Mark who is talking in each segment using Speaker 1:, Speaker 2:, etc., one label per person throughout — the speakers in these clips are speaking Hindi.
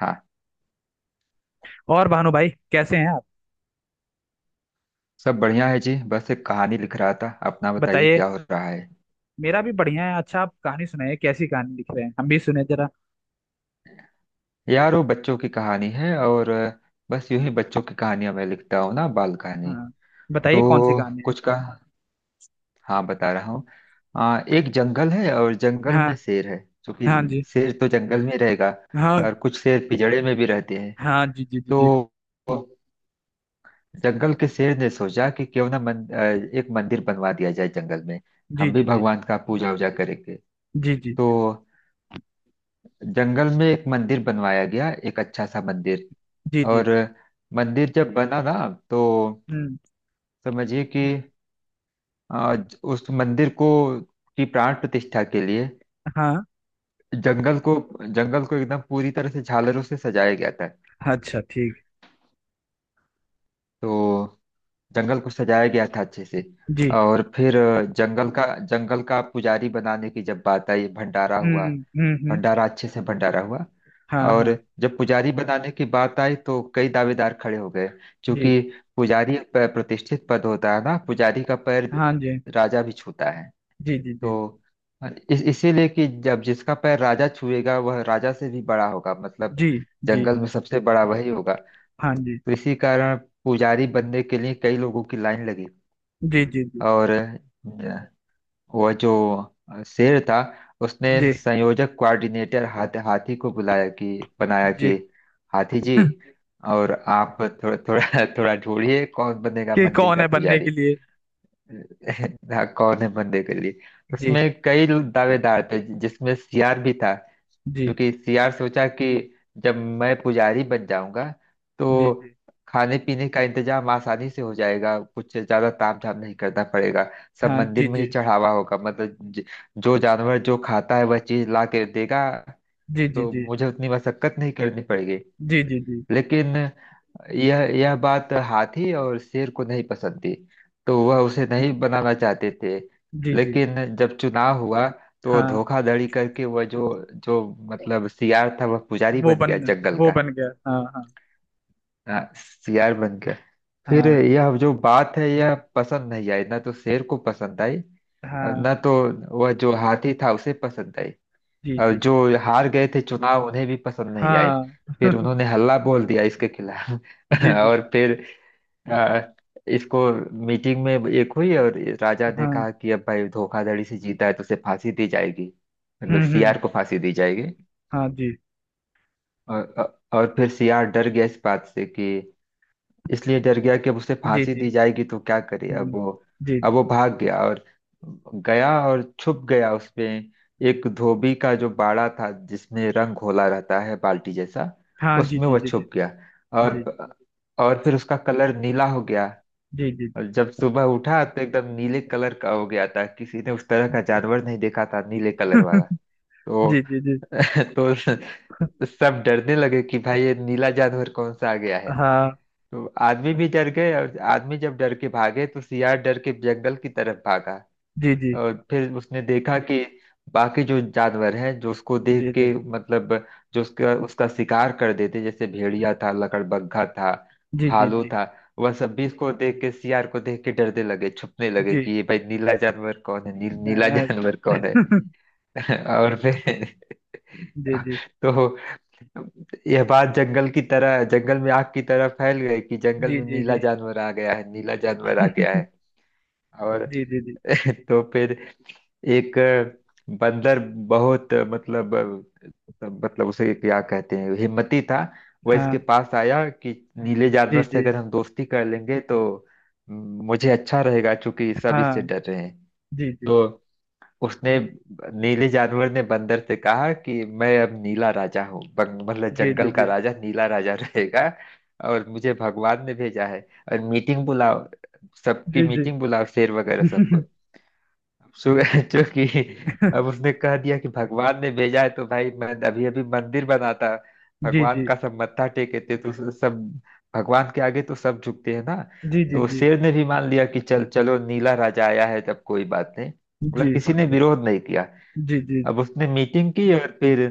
Speaker 1: हाँ,
Speaker 2: और भानु भाई, कैसे हैं आप?
Speaker 1: सब बढ़िया है जी। बस एक कहानी लिख रहा था। अपना बताइए
Speaker 2: बताइए।
Speaker 1: क्या हो रहा है।
Speaker 2: मेरा भी बढ़िया है। अच्छा, आप कहानी सुनाइए। कैसी कहानी लिख रहे हैं? हम भी सुने जरा।
Speaker 1: यार वो बच्चों की कहानी है और बस यूं ही बच्चों की कहानियां मैं लिखता हूँ ना, बाल कहानी।
Speaker 2: हाँ।
Speaker 1: तो
Speaker 2: बताइए, कौन सी कहानी है?
Speaker 1: कुछ का हाँ बता रहा हूँ। एक जंगल है और जंगल
Speaker 2: हाँ।
Speaker 1: में शेर है,
Speaker 2: हाँ
Speaker 1: क्योंकि
Speaker 2: जी।
Speaker 1: शेर तो जंगल में ही रहेगा।
Speaker 2: हाँ।
Speaker 1: और कुछ शेर पिंजड़े में भी रहते हैं।
Speaker 2: हाँ जी जी जी जी।
Speaker 1: तो जंगल के शेर ने सोचा कि क्यों ना एक मंदिर बनवा दिया जाए जंगल में।
Speaker 2: जी
Speaker 1: हम भी
Speaker 2: जी जी
Speaker 1: भगवान का पूजा वूजा करेंगे।
Speaker 2: जी जी
Speaker 1: तो जंगल में एक मंदिर बनवाया गया, एक अच्छा सा मंदिर।
Speaker 2: जी जी।
Speaker 1: और मंदिर जब बना ना, तो
Speaker 2: हम्म।
Speaker 1: समझिए कि आ, उस मंदिर को की प्राण प्रतिष्ठा के लिए
Speaker 2: हाँ।
Speaker 1: जंगल को जंगल को एकदम पूरी तरह से झालरों से सजाया गया था।
Speaker 2: अच्छा, ठीक।
Speaker 1: तो जंगल को सजाया गया था अच्छे से।
Speaker 2: जी।
Speaker 1: और फिर जंगल का जंगल का पुजारी बनाने की जब बात आई, भंडारा हुआ।
Speaker 2: हम्म हम्म। हम्म।
Speaker 1: भंडारा अच्छे से भंडारा हुआ।
Speaker 2: हाँ।
Speaker 1: और
Speaker 2: हाँ
Speaker 1: जब पुजारी बनाने की बात आई तो कई दावेदार खड़े हो गए,
Speaker 2: जी।
Speaker 1: क्योंकि पुजारी एक प्रतिष्ठित पद होता है ना। पुजारी का पैर
Speaker 2: हाँ जी
Speaker 1: राजा भी छूता है।
Speaker 2: जी जी जी।
Speaker 1: तो इस इसीलिए कि जब जिसका पैर राजा छुएगा वह राजा से भी बड़ा होगा, मतलब
Speaker 2: जी जी।
Speaker 1: जंगल में सबसे बड़ा वही होगा।
Speaker 2: हाँ जी
Speaker 1: तो इसी कारण पुजारी बनने के लिए कई लोगों की लाइन लगी।
Speaker 2: जी जी जी
Speaker 1: और वो जो शेर था उसने
Speaker 2: जी
Speaker 1: संयोजक कोऑर्डिनेटर हाथी को बुलाया कि बनाया कि
Speaker 2: जी।
Speaker 1: हाथी जी, और आप थोड़ा थोड़ा थोड़ा ढूंढिए कौन बनेगा
Speaker 2: कि
Speaker 1: मंदिर
Speaker 2: कौन
Speaker 1: का
Speaker 2: है बनने
Speaker 1: पुजारी।
Speaker 2: के लिए?
Speaker 1: हाँ, कौन है मंदिर के लिए।
Speaker 2: जी
Speaker 1: उसमें कई दावेदार थे जिसमें सियार भी था।
Speaker 2: जी
Speaker 1: क्योंकि सियार सोचा कि जब मैं पुजारी बन जाऊंगा
Speaker 2: जी
Speaker 1: तो
Speaker 2: जी।
Speaker 1: खाने पीने का इंतजाम आसानी से हो जाएगा, कुछ ज्यादा ताम झाम नहीं करना पड़ेगा। सब
Speaker 2: हाँ जी
Speaker 1: मंदिर में ही
Speaker 2: जी
Speaker 1: चढ़ावा होगा, मतलब जो जानवर जो खाता है वह चीज ला के देगा।
Speaker 2: जी जी।
Speaker 1: तो
Speaker 2: जी
Speaker 1: मुझे उतनी मशक्कत नहीं करनी पड़ेगी।
Speaker 2: जी जी जी
Speaker 1: लेकिन यह बात हाथी और शेर को नहीं पसंद थी, तो वह उसे नहीं बनाना चाहते थे।
Speaker 2: जी जी।
Speaker 1: लेकिन जब चुनाव हुआ तो
Speaker 2: हाँ।
Speaker 1: धोखाधड़ी करके वह जो जो मतलब सियार था, वह पुजारी
Speaker 2: वो
Speaker 1: बन
Speaker 2: बन
Speaker 1: गया जंगल
Speaker 2: वो
Speaker 1: का।
Speaker 2: बन गया, हाँ हाँ।
Speaker 1: हाँ, सियार बन गया। फिर
Speaker 2: हाँ।
Speaker 1: यह जो बात है यह पसंद नहीं आई, ना तो शेर को पसंद आई,
Speaker 2: हाँ
Speaker 1: न तो वह जो हाथी था उसे पसंद आई।
Speaker 2: जी
Speaker 1: और
Speaker 2: जी।
Speaker 1: जो हार गए थे चुनाव उन्हें भी पसंद नहीं आए।
Speaker 2: हाँ।
Speaker 1: फिर उन्होंने हल्ला बोल दिया इसके खिलाफ।
Speaker 2: जी जी।
Speaker 1: और फिर आ, इसको मीटिंग में एक हुई और राजा ने
Speaker 2: हाँ।
Speaker 1: कहा कि अब भाई धोखाधड़ी से जीता है तो उसे फांसी दी जाएगी, मतलब
Speaker 2: हम्म।
Speaker 1: सीआर को फांसी दी जाएगी।
Speaker 2: हाँ जी
Speaker 1: और फिर सीआर डर गया इस बात से कि, इसलिए डर गया कि अब उसे
Speaker 2: जी
Speaker 1: फांसी
Speaker 2: जी।
Speaker 1: दी जाएगी तो क्या करे अब
Speaker 2: हम्म,
Speaker 1: वो।
Speaker 2: जी
Speaker 1: अब
Speaker 2: जी।
Speaker 1: वो भाग गया और छुप गया उसमें, एक धोबी का जो बाड़ा था जिसमें रंग घोला रहता है बाल्टी जैसा,
Speaker 2: हाँ जी
Speaker 1: उसमें
Speaker 2: जी
Speaker 1: वो
Speaker 2: जी जी
Speaker 1: छुप गया।
Speaker 2: जी
Speaker 1: और और फिर उसका कलर नीला हो गया।
Speaker 2: जी जी।
Speaker 1: और जब सुबह उठा तो एकदम नीले कलर का हो गया था। किसी ने उस तरह का जानवर नहीं देखा था, नीले कलर वाला।
Speaker 2: जी
Speaker 1: तो
Speaker 2: जी जी जी।
Speaker 1: तो सब डरने लगे कि भाई ये नीला जानवर कौन सा आ गया है।
Speaker 2: हाँ
Speaker 1: तो आदमी भी डर गए और आदमी जब डर के भागे तो सियार डर के जंगल की तरफ भागा।
Speaker 2: जी जी
Speaker 1: और फिर उसने देखा कि बाकी जो जानवर हैं जो उसको देख
Speaker 2: जी जी।
Speaker 1: के मतलब जो उसका उसका शिकार कर देते, जैसे भेड़िया था, लकड़बग्घा था,
Speaker 2: जी जी जी
Speaker 1: भालू
Speaker 2: जी।
Speaker 1: था, वह सब भी इसको देख के सियार को देख के डरने लगे, छुपने लगे कि ये भाई नीला जानवर कौन है, नीला
Speaker 2: अ,
Speaker 1: जानवर कौन है। और फिर
Speaker 2: जी जी
Speaker 1: तो यह बात जंगल में आग की तरह फैल गई कि जंगल
Speaker 2: जी
Speaker 1: में
Speaker 2: जी
Speaker 1: नीला
Speaker 2: जी।
Speaker 1: जानवर आ गया है, नीला जानवर आ गया है। और
Speaker 2: जी जी जी।
Speaker 1: तो फिर एक बंदर बहुत मतलब, मतलब उसे क्या कहते हैं, हिम्मती था। वह इसके
Speaker 2: हाँ
Speaker 1: पास आया कि नीले
Speaker 2: जी
Speaker 1: जानवर से
Speaker 2: जी।
Speaker 1: अगर हम दोस्ती कर लेंगे तो मुझे अच्छा रहेगा, क्योंकि सब इससे
Speaker 2: हाँ
Speaker 1: डर रहे हैं।
Speaker 2: जी जी
Speaker 1: तो उसने नीले जानवर ने बंदर से कहा कि मैं अब नीला राजा हूँ, मतलब
Speaker 2: जी
Speaker 1: जंगल का
Speaker 2: जी।
Speaker 1: राजा नीला राजा रहेगा। और मुझे भगवान ने भेजा है, और मीटिंग बुलाओ, सबकी
Speaker 2: जी जी
Speaker 1: मीटिंग बुलाओ, शेर वगैरह सबको।
Speaker 2: जी।
Speaker 1: सु- जो कि अब उसने कह दिया कि भगवान ने भेजा है, तो भाई मैं अभी अभी मंदिर बनाता,
Speaker 2: जी
Speaker 1: भगवान
Speaker 2: जी
Speaker 1: का सब मत्था टेके थे, तो सब भगवान के आगे तो सब झुकते हैं ना।
Speaker 2: जी जी।
Speaker 1: तो
Speaker 2: जी
Speaker 1: शेर ने भी मान लिया कि चल चलो नीला राजा आया है तब कोई बात नहीं,
Speaker 2: जी
Speaker 1: मतलब किसी ने विरोध नहीं किया।
Speaker 2: जी जी
Speaker 1: अब उसने मीटिंग की और फिर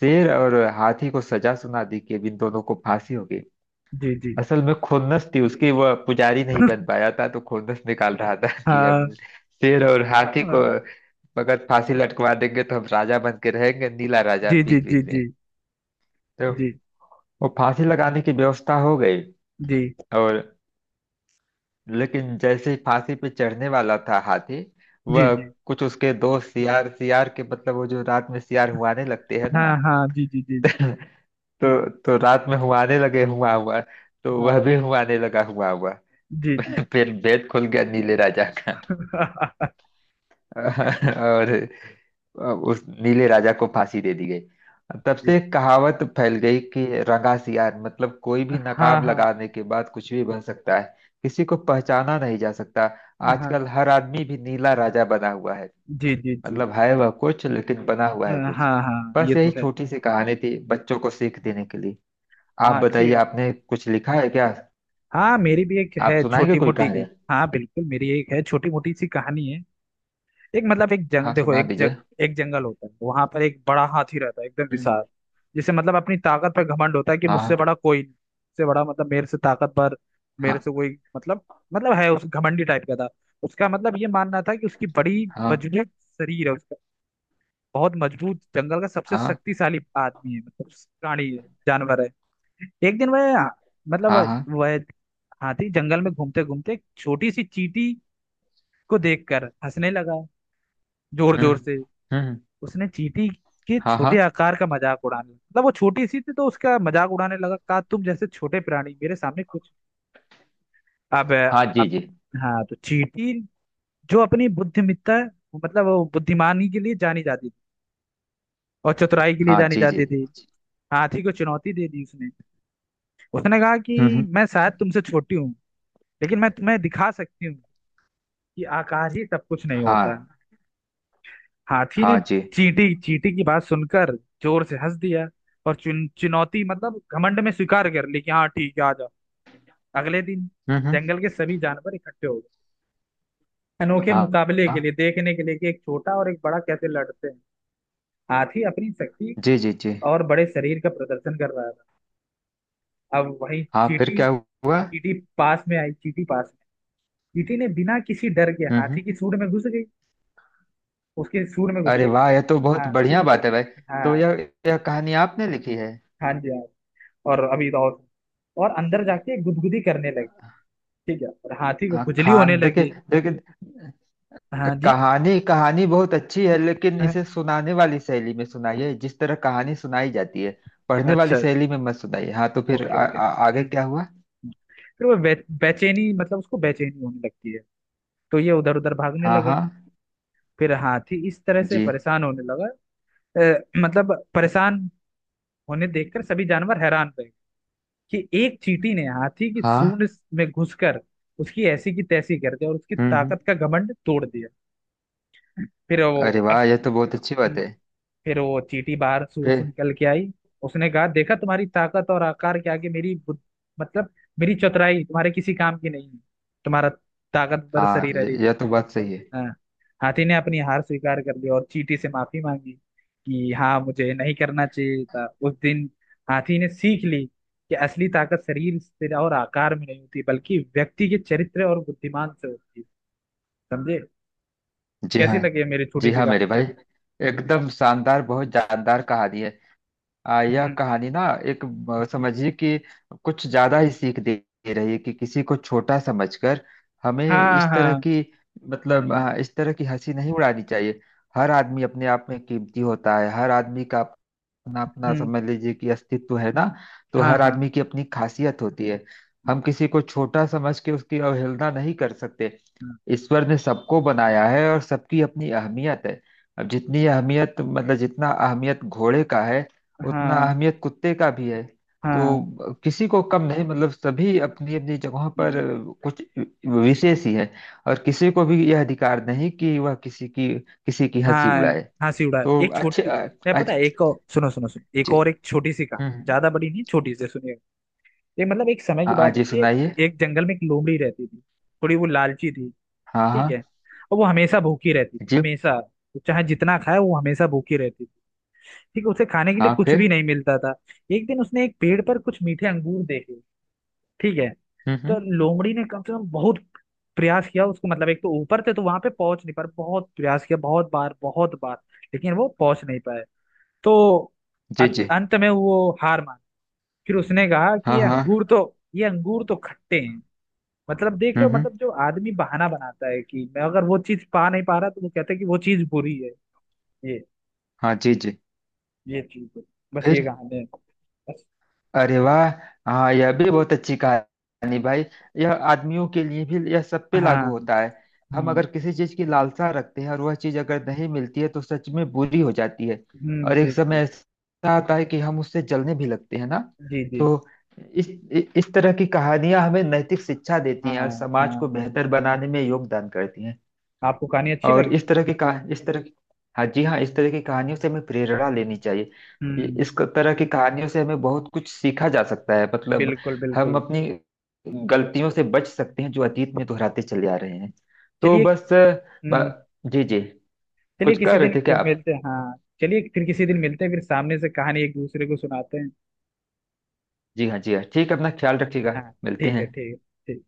Speaker 1: शेर और हाथी को सजा सुना दी कि अब इन दोनों को फांसी होगी।
Speaker 2: जी जी।
Speaker 1: असल में खुन्नस थी उसकी, वह पुजारी नहीं बन पाया था तो खुन्नस निकाल रहा था कि अब
Speaker 2: हाँ।
Speaker 1: शेर और हाथी को
Speaker 2: हाँ,
Speaker 1: अगर फांसी लटकवा देंगे तो हम राजा बन के रहेंगे, नीला राजा
Speaker 2: जी जी
Speaker 1: बीच
Speaker 2: जी
Speaker 1: बीच में।
Speaker 2: जी।
Speaker 1: तो
Speaker 2: जी
Speaker 1: वो फांसी लगाने की व्यवस्था हो गई।
Speaker 2: जी
Speaker 1: और लेकिन जैसे ही फांसी पे चढ़ने वाला था हाथी,
Speaker 2: जी
Speaker 1: वह
Speaker 2: जी।
Speaker 1: कुछ उसके दोस्त सियार सियार के मतलब वो जो रात में सियार हुआने लगते हैं
Speaker 2: हाँ हाँ। जी जी जी।
Speaker 1: ना, तो रात में हुआने लगे हुआ हुआ, तो वह
Speaker 2: हाँ
Speaker 1: भी हुआने लगा हुआ हुआ।
Speaker 2: जी जी।
Speaker 1: फिर भेद खुल गया नीले राजा का। और उस नीले राजा को फांसी दे दी गई। तब
Speaker 2: जी।
Speaker 1: से एक कहावत फैल गई कि रंगा सियार, मतलब कोई भी
Speaker 2: हाँ।
Speaker 1: नकाब
Speaker 2: हाँ
Speaker 1: लगाने के बाद कुछ भी बन सकता है, किसी को पहचाना नहीं जा सकता। आजकल
Speaker 2: हाँ
Speaker 1: हर आदमी भी नीला राजा बना हुआ है,
Speaker 2: जी जी जी।
Speaker 1: मतलब है वह कुछ लेकिन बना हुआ है कुछ।
Speaker 2: हाँ। हाँ, ये
Speaker 1: बस यही
Speaker 2: तो है।
Speaker 1: छोटी सी कहानी थी बच्चों को सीख देने के लिए। आप
Speaker 2: हाँ, अच्छी
Speaker 1: बताइए
Speaker 2: कहानी।
Speaker 1: आपने कुछ लिखा है क्या।
Speaker 2: हाँ, मेरी भी एक
Speaker 1: आप
Speaker 2: है,
Speaker 1: सुनाएंगे
Speaker 2: छोटी
Speaker 1: कोई
Speaker 2: मोटी।
Speaker 1: कहानी।
Speaker 2: हाँ, बिल्कुल, मेरी एक है, छोटी मोटी सी कहानी है। एक, मतलब, एक जंग
Speaker 1: हाँ
Speaker 2: देखो,
Speaker 1: सुना दीजिए।
Speaker 2: एक जंगल होता है। वहां पर एक बड़ा हाथी रहता है, एकदम
Speaker 1: हम्म,
Speaker 2: विशाल। जिसे, मतलब, अपनी ताकत पर घमंड होता है कि
Speaker 1: हाँ,
Speaker 2: मुझसे बड़ा कोई नहीं, मुझसे बड़ा मतलब मेरे से ताकतवर। मेरे
Speaker 1: हाँ,
Speaker 2: से कोई, मतलब मतलब है, उस घमंडी टाइप का था। उसका मतलब ये मानना था कि उसकी बड़ी
Speaker 1: हाँ,
Speaker 2: मजबूत शरीर है उसका। बहुत मजबूत, जंगल का सबसे
Speaker 1: हाँ,
Speaker 2: शक्तिशाली आदमी है, मतलब प्राणी है, जानवर है। एक दिन वह, मतलब,
Speaker 1: हाँ, हाँ,
Speaker 2: वह हाथी जंगल में घूमते घूमते एक छोटी सी चींटी को देखकर हंसने लगा, जोर जोर
Speaker 1: हम्म
Speaker 2: से।
Speaker 1: हम्म,
Speaker 2: उसने चींटी के
Speaker 1: हाँ, हाँ,
Speaker 2: छोटे आकार का मजाक उड़ाने लगा, मतलब वो छोटी सी थी तो उसका मजाक उड़ाने लगा। कहा, तुम जैसे छोटे प्राणी मेरे सामने कुछ, अब
Speaker 1: हाँ, जी
Speaker 2: अब
Speaker 1: जी,
Speaker 2: हाँ। तो चींटी, जो अपनी बुद्धिमत्ता, मतलब वो बुद्धिमानी के लिए जानी जाती थी और चतुराई के लिए
Speaker 1: हाँ
Speaker 2: जानी
Speaker 1: जी जी,
Speaker 2: जाती थी, हाथी को चुनौती दे दी उसने। उसने कहा
Speaker 1: हम्म
Speaker 2: कि
Speaker 1: हम्म,
Speaker 2: मैं शायद तुमसे छोटी हूँ, लेकिन मैं तुम्हें दिखा सकती हूँ कि आकाश ही सब कुछ नहीं होता।
Speaker 1: हाँ,
Speaker 2: हाथी ने
Speaker 1: हाँ, जी,
Speaker 2: चींटी चींटी की बात सुनकर जोर से हंस दिया और चुनौती मतलब घमंड में स्वीकार कर ली कि हाँ, ठीक है, आ जाओ। अगले दिन
Speaker 1: हम्म हम्म,
Speaker 2: जंगल के सभी जानवर इकट्ठे हो गए, अनोखे
Speaker 1: हाँ,
Speaker 2: मुकाबले
Speaker 1: हाँ,
Speaker 2: के लिए, देखने के लिए कि एक छोटा और एक बड़ा कैसे लड़ते हैं। हाथी अपनी शक्ति
Speaker 1: जी जी जी,
Speaker 2: और बड़े शरीर का प्रदर्शन कर रहा था। अब वही
Speaker 1: हाँ फिर
Speaker 2: चींटी
Speaker 1: क्या हुआ।
Speaker 2: चींटी पास में आई, चींटी पास में। चींटी ने बिना किसी डर के
Speaker 1: हम्म
Speaker 2: हाथी की
Speaker 1: हम्म,
Speaker 2: सूंड में घुस गई, उसके सूंड में घुस
Speaker 1: अरे
Speaker 2: गई, ठीक
Speaker 1: वाह,
Speaker 2: है।
Speaker 1: यह तो बहुत
Speaker 2: हाँ
Speaker 1: बढ़िया बात है भाई। तो
Speaker 2: हाँ।
Speaker 1: यह कहानी आपने लिखी है।
Speaker 2: हाँ जी, हाँ। और अभी तो और अंदर जाके गुदगुदी करने लगी। ठीक है, और हाथी को
Speaker 1: हाँ
Speaker 2: खुजली होने
Speaker 1: खान, देखिए
Speaker 2: लगी।
Speaker 1: देखिए,
Speaker 2: हाँ जी,
Speaker 1: कहानी कहानी बहुत अच्छी है, लेकिन
Speaker 2: हाँ।
Speaker 1: इसे सुनाने वाली शैली में सुनाइए, जिस तरह कहानी सुनाई जाती है, पढ़ने वाली
Speaker 2: अच्छा,
Speaker 1: शैली में मत सुनाइए। हाँ तो फिर
Speaker 2: ओके
Speaker 1: आ,
Speaker 2: ओके,
Speaker 1: आ, आगे
Speaker 2: हम्म।
Speaker 1: क्या हुआ।
Speaker 2: फिर वो बेचैनी मतलब उसको बेचैनी होने लगती है, तो ये उधर उधर भागने
Speaker 1: हाँ,
Speaker 2: लगा।
Speaker 1: हाँ,
Speaker 2: फिर हाथी इस तरह से
Speaker 1: जी,
Speaker 2: परेशान होने लगा। मतलब परेशान होने देखकर सभी जानवर हैरान रहे कि एक चींटी ने हाथी की
Speaker 1: हाँ,
Speaker 2: सूंड में घुसकर उसकी ऐसी की तैसी कर दी और उसकी
Speaker 1: हम्म,
Speaker 2: ताकत का घमंड तोड़ दिया। फिर वो
Speaker 1: अरे
Speaker 2: अब,
Speaker 1: वाह, यह तो बहुत अच्छी बात
Speaker 2: हम्म।
Speaker 1: है।
Speaker 2: फिर वो चींटी बाहर सूर से
Speaker 1: फिर,
Speaker 2: निकल के आई। उसने कहा, देखा, तुम्हारी ताकत और आकार के आगे मेरी मतलब मेरी चतुराई तुम्हारे किसी काम की नहीं है। तुम्हारा ताकतवर
Speaker 1: हाँ
Speaker 2: शरीर, अरे।
Speaker 1: यह तो बात सही है।
Speaker 2: हाँ। हाथी ने अपनी हार स्वीकार कर ली और चींटी से माफी मांगी कि हाँ, मुझे नहीं करना चाहिए था उस दिन। हाथी ने सीख ली कि असली ताकत शरीर से और आकार में नहीं होती, बल्कि व्यक्ति के चरित्र और बुद्धिमान से होती है। समझे?
Speaker 1: जी
Speaker 2: कैसी
Speaker 1: हाँ,
Speaker 2: लगी है मेरी
Speaker 1: जी
Speaker 2: छोटी सी
Speaker 1: हाँ मेरे
Speaker 2: कहानी?
Speaker 1: भाई, एकदम शानदार, बहुत जानदार कहानी है। यह
Speaker 2: हम्म।
Speaker 1: कहानी ना एक समझिए कि कुछ ज्यादा ही सीख दे दे रही है कि किसी को छोटा समझकर हमें
Speaker 2: हाँ
Speaker 1: इस तरह
Speaker 2: हाँ।
Speaker 1: की मतलब इस तरह की हंसी नहीं उड़ानी चाहिए। हर आदमी अपने आप में कीमती होता है। हर आदमी का अपना अपना
Speaker 2: हम्म।
Speaker 1: समझ लीजिए कि अस्तित्व है ना। तो
Speaker 2: हाँ
Speaker 1: हर
Speaker 2: हाँ।
Speaker 1: आदमी की अपनी खासियत होती है। हम किसी को छोटा समझ के उसकी अवहेलना नहीं कर सकते।
Speaker 2: हाँ
Speaker 1: ईश्वर ने सबको बनाया है और सबकी अपनी अहमियत है। अब जितनी अहमियत मतलब जितना अहमियत घोड़े का है, उतना अहमियत कुत्ते का भी है।
Speaker 2: हाँ।
Speaker 1: तो किसी को कम नहीं, मतलब सभी अपनी अपनी जगहों पर कुछ विशेष ही है, और किसी को भी यह अधिकार नहीं कि वह किसी की हंसी
Speaker 2: हाँ।
Speaker 1: उड़ाए।
Speaker 2: हाँ सिउड़ा है।
Speaker 1: तो
Speaker 2: एक
Speaker 1: अच्छे,
Speaker 2: छोटी, मैं पता
Speaker 1: आज,
Speaker 2: है, एक और, सुनो सुनो सुनो, एक
Speaker 1: जी,
Speaker 2: और, एक
Speaker 1: हम्म
Speaker 2: छोटी सी कहानी,
Speaker 1: हम्म,
Speaker 2: ज्यादा बड़ी नहीं, छोटी सी, सुनिएगा। ये, मतलब, एक समय की
Speaker 1: हाँ, हाँ,
Speaker 2: बात
Speaker 1: जी
Speaker 2: होती है।
Speaker 1: सुनाइए।
Speaker 2: एक जंगल में एक लोमड़ी रहती थी। थोड़ी वो लालची थी,
Speaker 1: हाँ,
Speaker 2: ठीक
Speaker 1: हाँ,
Speaker 2: है। और वो हमेशा भूखी रहती थी,
Speaker 1: जी,
Speaker 2: हमेशा। चाहे जितना खाए वो हमेशा भूखी रहती थी, ठीक है। उसे खाने के लिए
Speaker 1: हाँ
Speaker 2: कुछ
Speaker 1: फिर,
Speaker 2: भी नहीं मिलता था। एक दिन उसने एक पेड़ पर कुछ मीठे अंगूर देखे, ठीक है। तो
Speaker 1: हम्म,
Speaker 2: लोमड़ी ने कम से कम बहुत प्रयास किया उसको, मतलब एक तो ऊपर थे तो वहां पे पहुंच नहीं पाए, बहुत प्रयास किया, बहुत बार बहुत बार, लेकिन वो पहुंच नहीं पाए। तो
Speaker 1: जी जी,
Speaker 2: अंत में वो हार मान, फिर उसने कहा कि
Speaker 1: हाँ,
Speaker 2: ये अंगूर
Speaker 1: हाँ,
Speaker 2: तो, ये अंगूर तो खट्टे हैं। मतलब देख रहे हो, मतलब
Speaker 1: हम्म,
Speaker 2: जो आदमी बहाना बनाता है कि मैं अगर वो चीज पा नहीं पा रहा, तो वो कहता है कि वो चीज बुरी है। ये
Speaker 1: हाँ, जी जी,
Speaker 2: ये चीज है। बस,
Speaker 1: फिर,
Speaker 2: ये कहानी है। बस।
Speaker 1: अरे वाह, हाँ यह भी बहुत अच्छी कहानी भाई। यह आदमियों के लिए भी, यह सब पे लागू
Speaker 2: हाँ।
Speaker 1: होता है। हम
Speaker 2: हम्म
Speaker 1: अगर किसी चीज की लालसा रखते हैं और वह चीज अगर नहीं मिलती है तो सच में बुरी हो जाती है।
Speaker 2: हम्म।
Speaker 1: और एक
Speaker 2: जी जी
Speaker 1: समय ऐसा आता है कि हम उससे जलने भी लगते हैं ना।
Speaker 2: जी जी
Speaker 1: तो
Speaker 2: जी।
Speaker 1: इस इस तरह की कहानियां हमें नैतिक शिक्षा देती हैं और
Speaker 2: हाँ
Speaker 1: समाज को
Speaker 2: हाँ।
Speaker 1: बेहतर बनाने में योगदान करती हैं।
Speaker 2: आपको कहानी अच्छी
Speaker 1: और
Speaker 2: लगी?
Speaker 1: इस तरह की, हाँ जी हाँ, इस तरह की कहानियों से हमें प्रेरणा लेनी चाहिए।
Speaker 2: हम्म।
Speaker 1: तरह की कहानियों से हमें बहुत कुछ सीखा जा सकता है, मतलब
Speaker 2: बिल्कुल
Speaker 1: हम
Speaker 2: बिल्कुल।
Speaker 1: अपनी गलतियों से बच सकते हैं जो अतीत में दोहराते चले आ रहे हैं। तो
Speaker 2: चलिए।
Speaker 1: बस
Speaker 2: हम्म,
Speaker 1: जी जी,
Speaker 2: चलिए
Speaker 1: कुछ कह
Speaker 2: किसी
Speaker 1: रहे
Speaker 2: दिन
Speaker 1: थे क्या
Speaker 2: फिर
Speaker 1: आप।
Speaker 2: मिलते हैं, हाँ। चलिए, फिर किसी दिन मिलते हैं, फिर सामने से कहानी एक दूसरे को सुनाते हैं।
Speaker 1: जी हाँ, जी हाँ ठीक है, अपना ख्याल रखिएगा,
Speaker 2: हाँ।
Speaker 1: मिलते
Speaker 2: ठीक है,
Speaker 1: हैं।
Speaker 2: ठीक है। ठीक।